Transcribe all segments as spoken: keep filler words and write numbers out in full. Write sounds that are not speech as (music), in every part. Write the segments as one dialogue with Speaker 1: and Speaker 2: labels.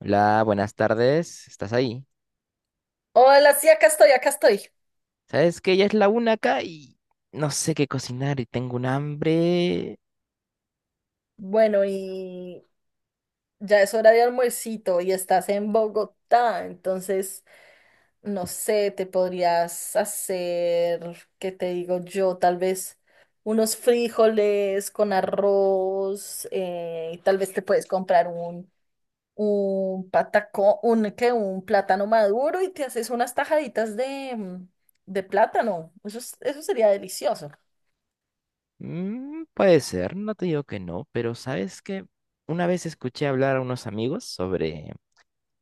Speaker 1: Hola, buenas tardes. ¿Estás ahí?
Speaker 2: Hola, sí, acá estoy, acá estoy.
Speaker 1: ¿Sabes que ya es la una acá y no sé qué cocinar y tengo un hambre?
Speaker 2: Bueno, y ya es hora de almuercito y estás en Bogotá, entonces, no sé, te podrías hacer, ¿qué te digo yo? Tal vez unos frijoles con arroz, eh, y tal vez te puedes comprar un, un patacón, un, ¿qué? Un plátano maduro y te haces unas tajaditas de, mm, de plátano. Eso, es- eso sería delicioso,
Speaker 1: Mm, puede ser, no te digo que no, pero ¿sabes que una vez escuché hablar a unos amigos sobre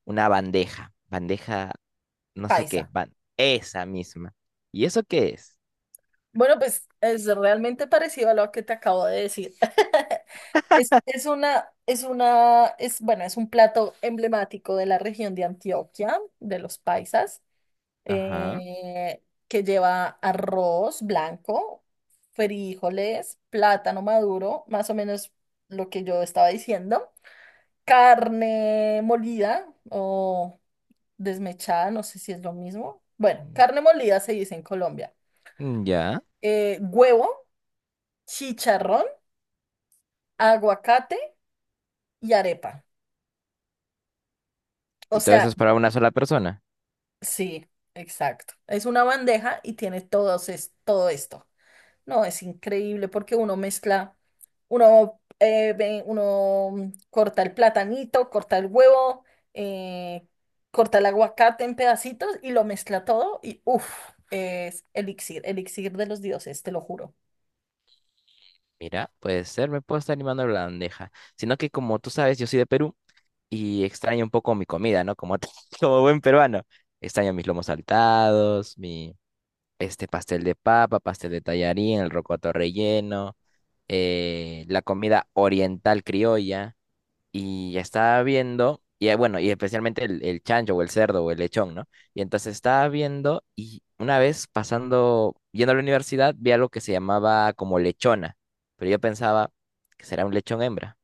Speaker 1: una bandeja, bandeja no sé qué,
Speaker 2: paisa.
Speaker 1: ban- esa misma? ¿Y eso qué es?
Speaker 2: Bueno, pues es realmente parecido a lo que te acabo de decir. (laughs) Es, es una, es una, es, bueno, es un plato emblemático de la región de Antioquia, de los paisas,
Speaker 1: Ajá.
Speaker 2: eh, que lleva arroz blanco, frijoles, plátano maduro, más o menos lo que yo estaba diciendo, carne molida o desmechada, no sé si es lo mismo. Bueno, carne molida se dice en Colombia.
Speaker 1: Mm, ya.
Speaker 2: Eh, huevo, chicharrón, aguacate y arepa. O
Speaker 1: ¿Y todo
Speaker 2: sea,
Speaker 1: eso es para una sola persona?
Speaker 2: sí, exacto. Es una bandeja y tiene todos es, todo esto. No, es increíble porque uno mezcla, uno, eh, ve- uno mm, corta el platanito, corta el huevo, eh, corta el aguacate en pedacitos y lo mezcla todo y uff, es elixir, elixir de los dioses, te lo juro.
Speaker 1: Mira, puede ser, me puedo estar animando a la bandeja. Sino que como tú sabes, yo soy de Perú. Y extraño un poco mi comida, ¿no? Como, (laughs) como buen peruano. Extraño mis lomos saltados, mi este pastel de papa, pastel de tallarín, el rocoto relleno, eh, la comida oriental criolla. Y estaba viendo, y eh, bueno, y especialmente el, el chancho o el cerdo o el lechón, ¿no? Y entonces estaba viendo y una vez pasando, yendo a la universidad, vi algo que se llamaba como lechona. Pero yo pensaba que será un lechón hembra.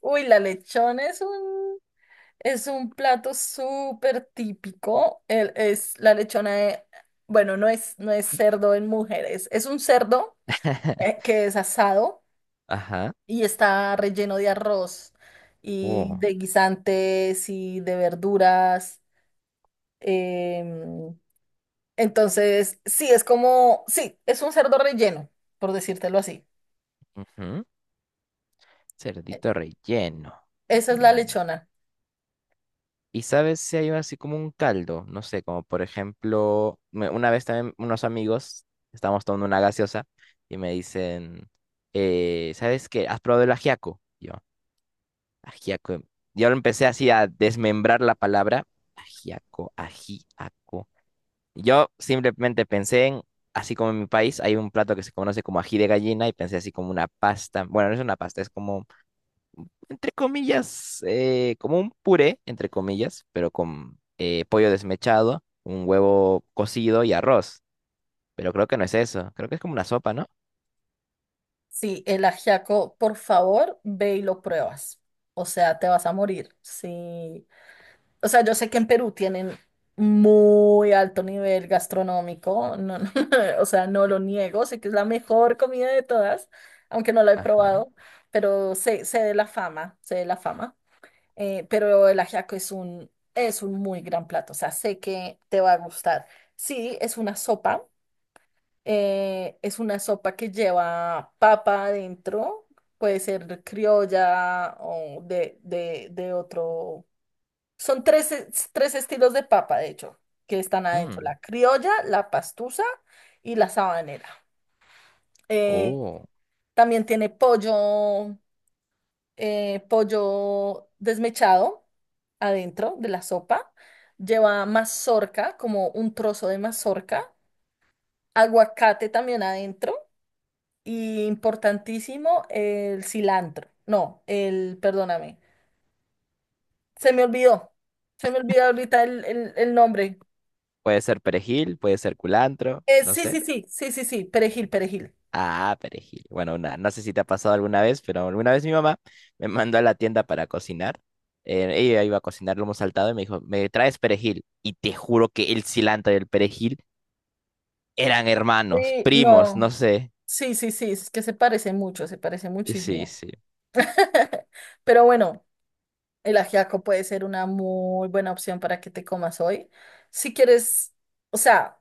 Speaker 2: Uy, la lechona es un… Es un plato súper típico. el- es la lechona de, bueno, no es, no es cerdo en mujeres. Es un cerdo eh,
Speaker 1: (laughs)
Speaker 2: que es asado
Speaker 1: Ajá.
Speaker 2: y está relleno de arroz y
Speaker 1: Oh.
Speaker 2: de guisantes y de verduras. em, entonces, sí, es como, sí, es un cerdo relleno, por decírtelo así.
Speaker 1: Ujú.
Speaker 2: E-
Speaker 1: Cerdito relleno.
Speaker 2: Esa es la
Speaker 1: Mm.
Speaker 2: lechona.
Speaker 1: ¿Y sabes si hay así como un caldo? No sé, como por ejemplo, me- una vez también unos amigos, estábamos tomando una gaseosa y me dicen, eh, ¿sabes qué? ¿Has probado el ajiaco? Y yo, ajiaco. Yo lo empecé así a desmembrar la palabra, ajiaco, ajiaco. Yo simplemente pensé en, así como en mi país, hay un plato que se conoce como ají de gallina y pensé así como una pasta. Bueno, no es una pasta, es como entre comillas, eh, como un puré, entre comillas, pero con eh, pollo desmechado, un huevo cocido y arroz. Pero creo que no es eso, creo que es como una sopa, ¿no?
Speaker 2: Sí, el ajiaco, por favor, ve y lo pruebas. O sea, te vas a morir. Sí. O sea, yo sé que en Perú tienen muy alto nivel gastronómico, no, no, (laughs) o sea, no lo niego, sé que es la mejor comida de todas, aunque no la he
Speaker 1: Ajá.
Speaker 2: probado, pero sé, sé de la fama, sé de la fama. Eh, pero el ajiaco es un, es un muy gran plato, o sea, sé que te va a gustar. Sí, es una sopa, eh, es una sopa que lleva papa adentro, puede ser criolla o de, de, de otro. Son tres, es- tres estilos de papa, de hecho, que están adentro.
Speaker 1: Mm.
Speaker 2: La criolla, la pastusa y la sabanera. Eh,
Speaker 1: Oh.
Speaker 2: También tiene pollo, eh, pollo desmechado adentro de la sopa. Lleva mazorca, como un trozo de mazorca. Aguacate también adentro. Y importantísimo, el cilantro. No, el, perdóname. Se me olvidó. Se me olvidó ahorita el el- el nombre.
Speaker 1: Puede ser perejil, puede ser culantro,
Speaker 2: Eh,
Speaker 1: no
Speaker 2: sí, sí,
Speaker 1: sé.
Speaker 2: sí, sí, sí, sí, perejil, perejil.
Speaker 1: Ah, perejil. Bueno, una- no sé si te ha pasado alguna vez, pero alguna vez mi mamá me mandó a la tienda para cocinar. Eh, ella iba a cocinar lomo saltado y me dijo, ¿me traes perejil? Y te juro que el cilantro y el perejil eran hermanos,
Speaker 2: Sí,
Speaker 1: primos,
Speaker 2: no.
Speaker 1: no sé.
Speaker 2: Sí, sí, sí, es que se parece mucho, se parece
Speaker 1: Y sí,
Speaker 2: muchísimo.
Speaker 1: sí.
Speaker 2: (laughs) Pero bueno, el ajiaco puede ser una muy buena opción para que te comas hoy. Si quieres, o sea,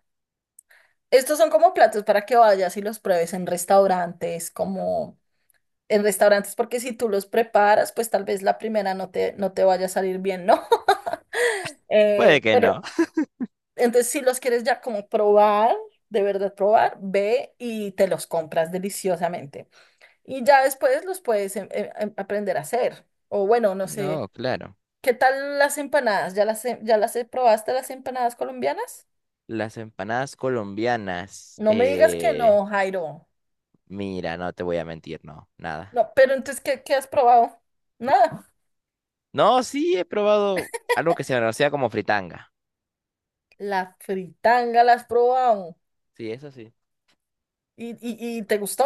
Speaker 2: estos son como platos para que vayas y los pruebes en restaurantes, como en restaurantes, porque si tú los preparas, pues tal vez la primera no te, no te vaya a salir bien, ¿no? (laughs) Eh,
Speaker 1: Puede que
Speaker 2: pero
Speaker 1: no.
Speaker 2: Entonces, si los quieres ya como probar, de verdad probar, ve y te los compras deliciosamente. Y ya después los puedes em- em- em- aprender a hacer. O bueno, no sé,
Speaker 1: No, claro.
Speaker 2: ¿qué tal las empanadas? ¿Ya las, he- ya las he- Probaste las empanadas colombianas?
Speaker 1: Las empanadas colombianas.
Speaker 2: No me digas que no,
Speaker 1: Eh,
Speaker 2: Jairo.
Speaker 1: mira, no te voy a mentir, no, nada.
Speaker 2: No, pero entonces, ¿qué, qué has probado? Nada.
Speaker 1: No, sí he probado algo que se conocía como fritanga.
Speaker 2: La fritanga la has probado.
Speaker 1: Sí, eso sí.
Speaker 2: ¿Y, y, y te gustó?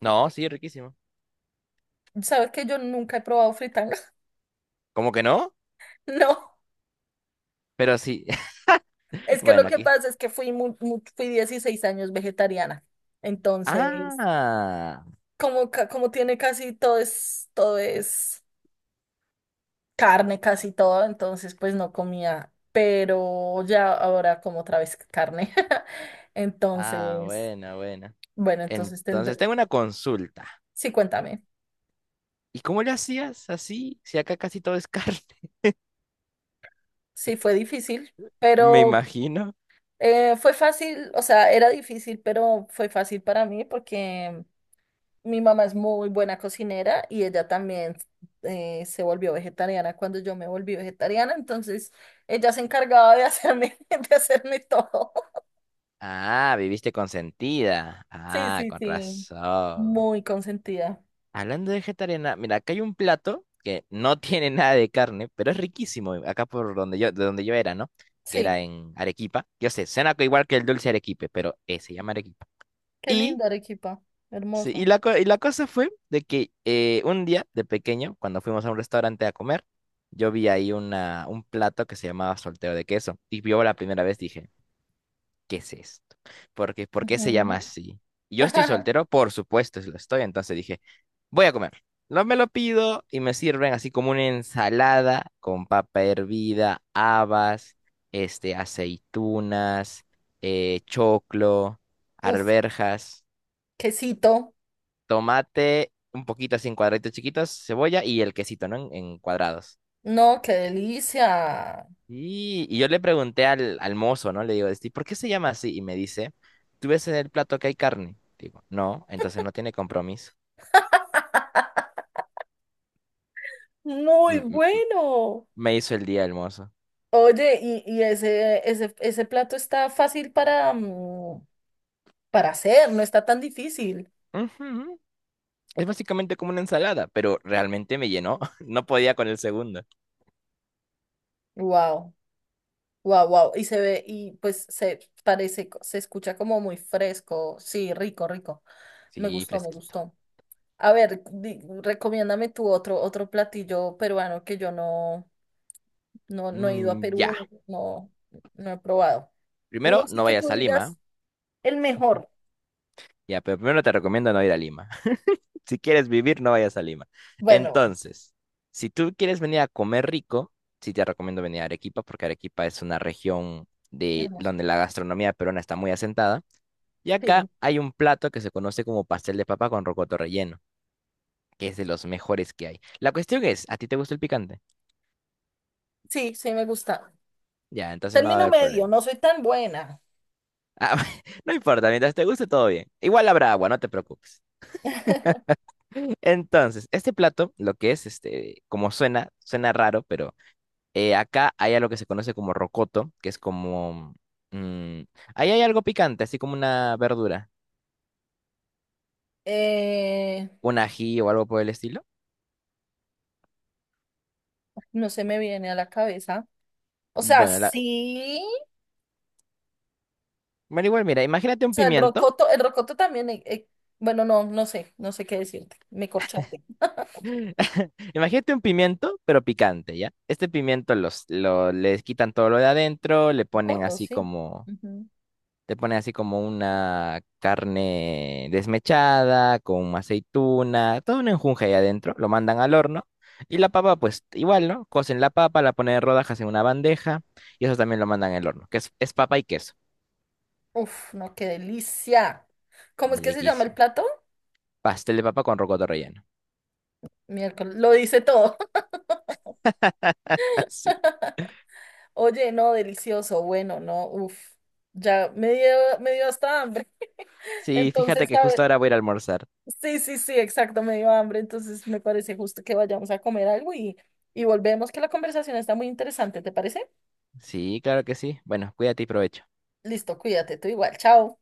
Speaker 1: No, sí, riquísimo.
Speaker 2: ¿Sabes que yo nunca he probado fritanga? (laughs)
Speaker 1: ¿Cómo que no?
Speaker 2: No.
Speaker 1: Pero sí. (laughs)
Speaker 2: Es que lo
Speaker 1: Bueno,
Speaker 2: que
Speaker 1: aquí.
Speaker 2: pasa es que fui, mu- mu- fui dieciséis años vegetariana. Entonces,
Speaker 1: Ah,
Speaker 2: como, ca- como tiene casi todo es, todo es carne, casi todo, entonces pues no comía. Pero ya ahora como otra vez carne. (laughs)
Speaker 1: ah,
Speaker 2: Entonces,
Speaker 1: bueno, bueno.
Speaker 2: bueno, entonces tendré…
Speaker 1: Entonces tengo una consulta.
Speaker 2: Sí, cuéntame.
Speaker 1: ¿Y cómo le hacías así? Si acá casi todo es carne.
Speaker 2: Sí, fue difícil,
Speaker 1: (laughs) Me
Speaker 2: pero
Speaker 1: imagino.
Speaker 2: eh, fue fácil, o sea, era difícil, pero fue fácil para mí porque… Mi mamá es muy buena cocinera y ella también eh, se volvió vegetariana cuando yo me volví vegetariana, entonces ella se encargaba de hacerme, (laughs) de hacerme todo.
Speaker 1: Ah, viviste consentida.
Speaker 2: Sí,
Speaker 1: Ah,
Speaker 2: sí,
Speaker 1: con
Speaker 2: sí,
Speaker 1: razón.
Speaker 2: muy consentida.
Speaker 1: Hablando de vegetariana, mira, acá hay un plato que no (laughs) tiene nada de carne, pero es riquísimo, acá por donde yo, de donde yo era, ¿no? Que
Speaker 2: Sí,
Speaker 1: era en Arequipa. Yo sé, suena co- igual que el dulce arequipe, pero eh, se llama Arequipa.
Speaker 2: qué
Speaker 1: Y,
Speaker 2: linda Arequipa,
Speaker 1: sí, y,
Speaker 2: hermoso.
Speaker 1: la, co- y la cosa fue de que eh, un día de pequeño, cuando fuimos a un restaurante a comer, yo vi ahí una, un plato que se llamaba solteo de queso. Y yo la primera vez dije, ¿qué es esto? ¿Por qué, ¿por qué se llama
Speaker 2: Ujú.
Speaker 1: así? Y yo estoy
Speaker 2: (laughs)
Speaker 1: soltero, por supuesto, si lo estoy, entonces dije, voy a comer. No me lo pido y me sirven así como una ensalada con papa hervida, habas, este, aceitunas, eh, choclo,
Speaker 2: Uf,
Speaker 1: arberjas,
Speaker 2: quesito,
Speaker 1: tomate, un poquito así en cuadraditos chiquitos, cebolla y el quesito, ¿no? En, en cuadrados.
Speaker 2: no, qué delicia.
Speaker 1: Y, y yo le pregunté al, al mozo, ¿no? Le digo, este, ¿por qué se llama así? Y me dice, ¿tú ves en el plato que hay carne? Digo, no, entonces no tiene compromiso.
Speaker 2: Muy
Speaker 1: Me, me-
Speaker 2: bueno.
Speaker 1: me hizo el día el mozo.
Speaker 2: Oye, y, y ese, ese, ese plato está fácil para, mm, para hacer, no está tan difícil.
Speaker 1: Ujú. Es básicamente como una ensalada, pero realmente me llenó. (laughs) No podía con el segundo.
Speaker 2: Wow, wow, wow. Y se ve, y pues se parece, co- se escucha como muy fresco. Sí, rico, rico. Me
Speaker 1: Sí,
Speaker 2: gustó, me
Speaker 1: fresquito.
Speaker 2: gustó. A ver, di- recomiéndame tú otro, otro platillo peruano que yo no, no, no he ido a
Speaker 1: Mm, ya.
Speaker 2: Perú, no, no he probado. Uno
Speaker 1: Primero,
Speaker 2: sí
Speaker 1: no
Speaker 2: que tú
Speaker 1: vayas a
Speaker 2: digas
Speaker 1: Lima.
Speaker 2: el mejor.
Speaker 1: Ya, pero primero te recomiendo no ir a Lima. Si quieres vivir, no vayas a Lima.
Speaker 2: Bueno, bueno,
Speaker 1: Entonces, si tú quieres venir a comer rico, sí te recomiendo venir a Arequipa, porque Arequipa es una región de
Speaker 2: hermoso.
Speaker 1: donde la gastronomía peruana está muy asentada. Y
Speaker 2: Sí,
Speaker 1: acá hay un plato que se conoce como pastel de papa con rocoto relleno, que es de los mejores que hay. La cuestión es, ¿a ti te gusta el picante?
Speaker 2: sí, sí me gusta.
Speaker 1: Ya, entonces no va a
Speaker 2: Término
Speaker 1: haber
Speaker 2: medio, no
Speaker 1: problemas.
Speaker 2: soy tan buena.
Speaker 1: Ah, (laughs) no importa, mientras te guste todo bien. Igual habrá agua, no te preocupes.
Speaker 2: (laughs)
Speaker 1: Entonces, este plato, lo que es, este, como suena, suena raro, pero Eh, acá hay algo que se conoce como rocoto, que es como... mm, ahí hay algo picante, así como una verdura,
Speaker 2: Eh,
Speaker 1: un ají o algo por el estilo.
Speaker 2: no se me viene a la cabeza. O sea,
Speaker 1: Bueno, la...
Speaker 2: sí.
Speaker 1: Bueno, igual, mira, imagínate
Speaker 2: O
Speaker 1: un
Speaker 2: sea, el
Speaker 1: pimiento,
Speaker 2: rocoto, el rocoto también, eh, eh, bueno, no, no sé, no sé qué decirte. Me corchaste.
Speaker 1: (laughs) imagínate un pimiento, pero picante, ¿ya? Este pimiento los, lo, les quitan todo lo de adentro, le ponen
Speaker 2: Rocoto,
Speaker 1: así
Speaker 2: sí.
Speaker 1: como
Speaker 2: Ujú.
Speaker 1: te ponen así como una carne desmechada, con aceituna, todo un enjunje ahí adentro, lo mandan al horno. Y la papa, pues igual, ¿no? Cocen la papa, la ponen en rodajas en una bandeja, y eso también lo mandan al horno, que es, es papa y queso.
Speaker 2: Uf, no, qué delicia. ¿Cómo es
Speaker 1: Y
Speaker 2: que se llama el
Speaker 1: riquísimo.
Speaker 2: plato?
Speaker 1: Pastel de papa con rocoto relleno.
Speaker 2: Miércoles, lo dice todo.
Speaker 1: (laughs) Así.
Speaker 2: (laughs) Oye, no, delicioso, bueno, no, uf, ya me dio, me dio hasta hambre. (laughs)
Speaker 1: Sí, fíjate
Speaker 2: Entonces,
Speaker 1: que
Speaker 2: ¿sabes?
Speaker 1: justo ahora voy a ir a almorzar.
Speaker 2: Sí, sí, sí, exacto, me dio hambre. Entonces, me parece justo que vayamos a comer algo y, y volvemos, que la conversación está muy interesante, ¿te parece?
Speaker 1: Sí, claro que sí. Bueno, cuídate y provecho.
Speaker 2: Listo, cuídate, tú igual, chao.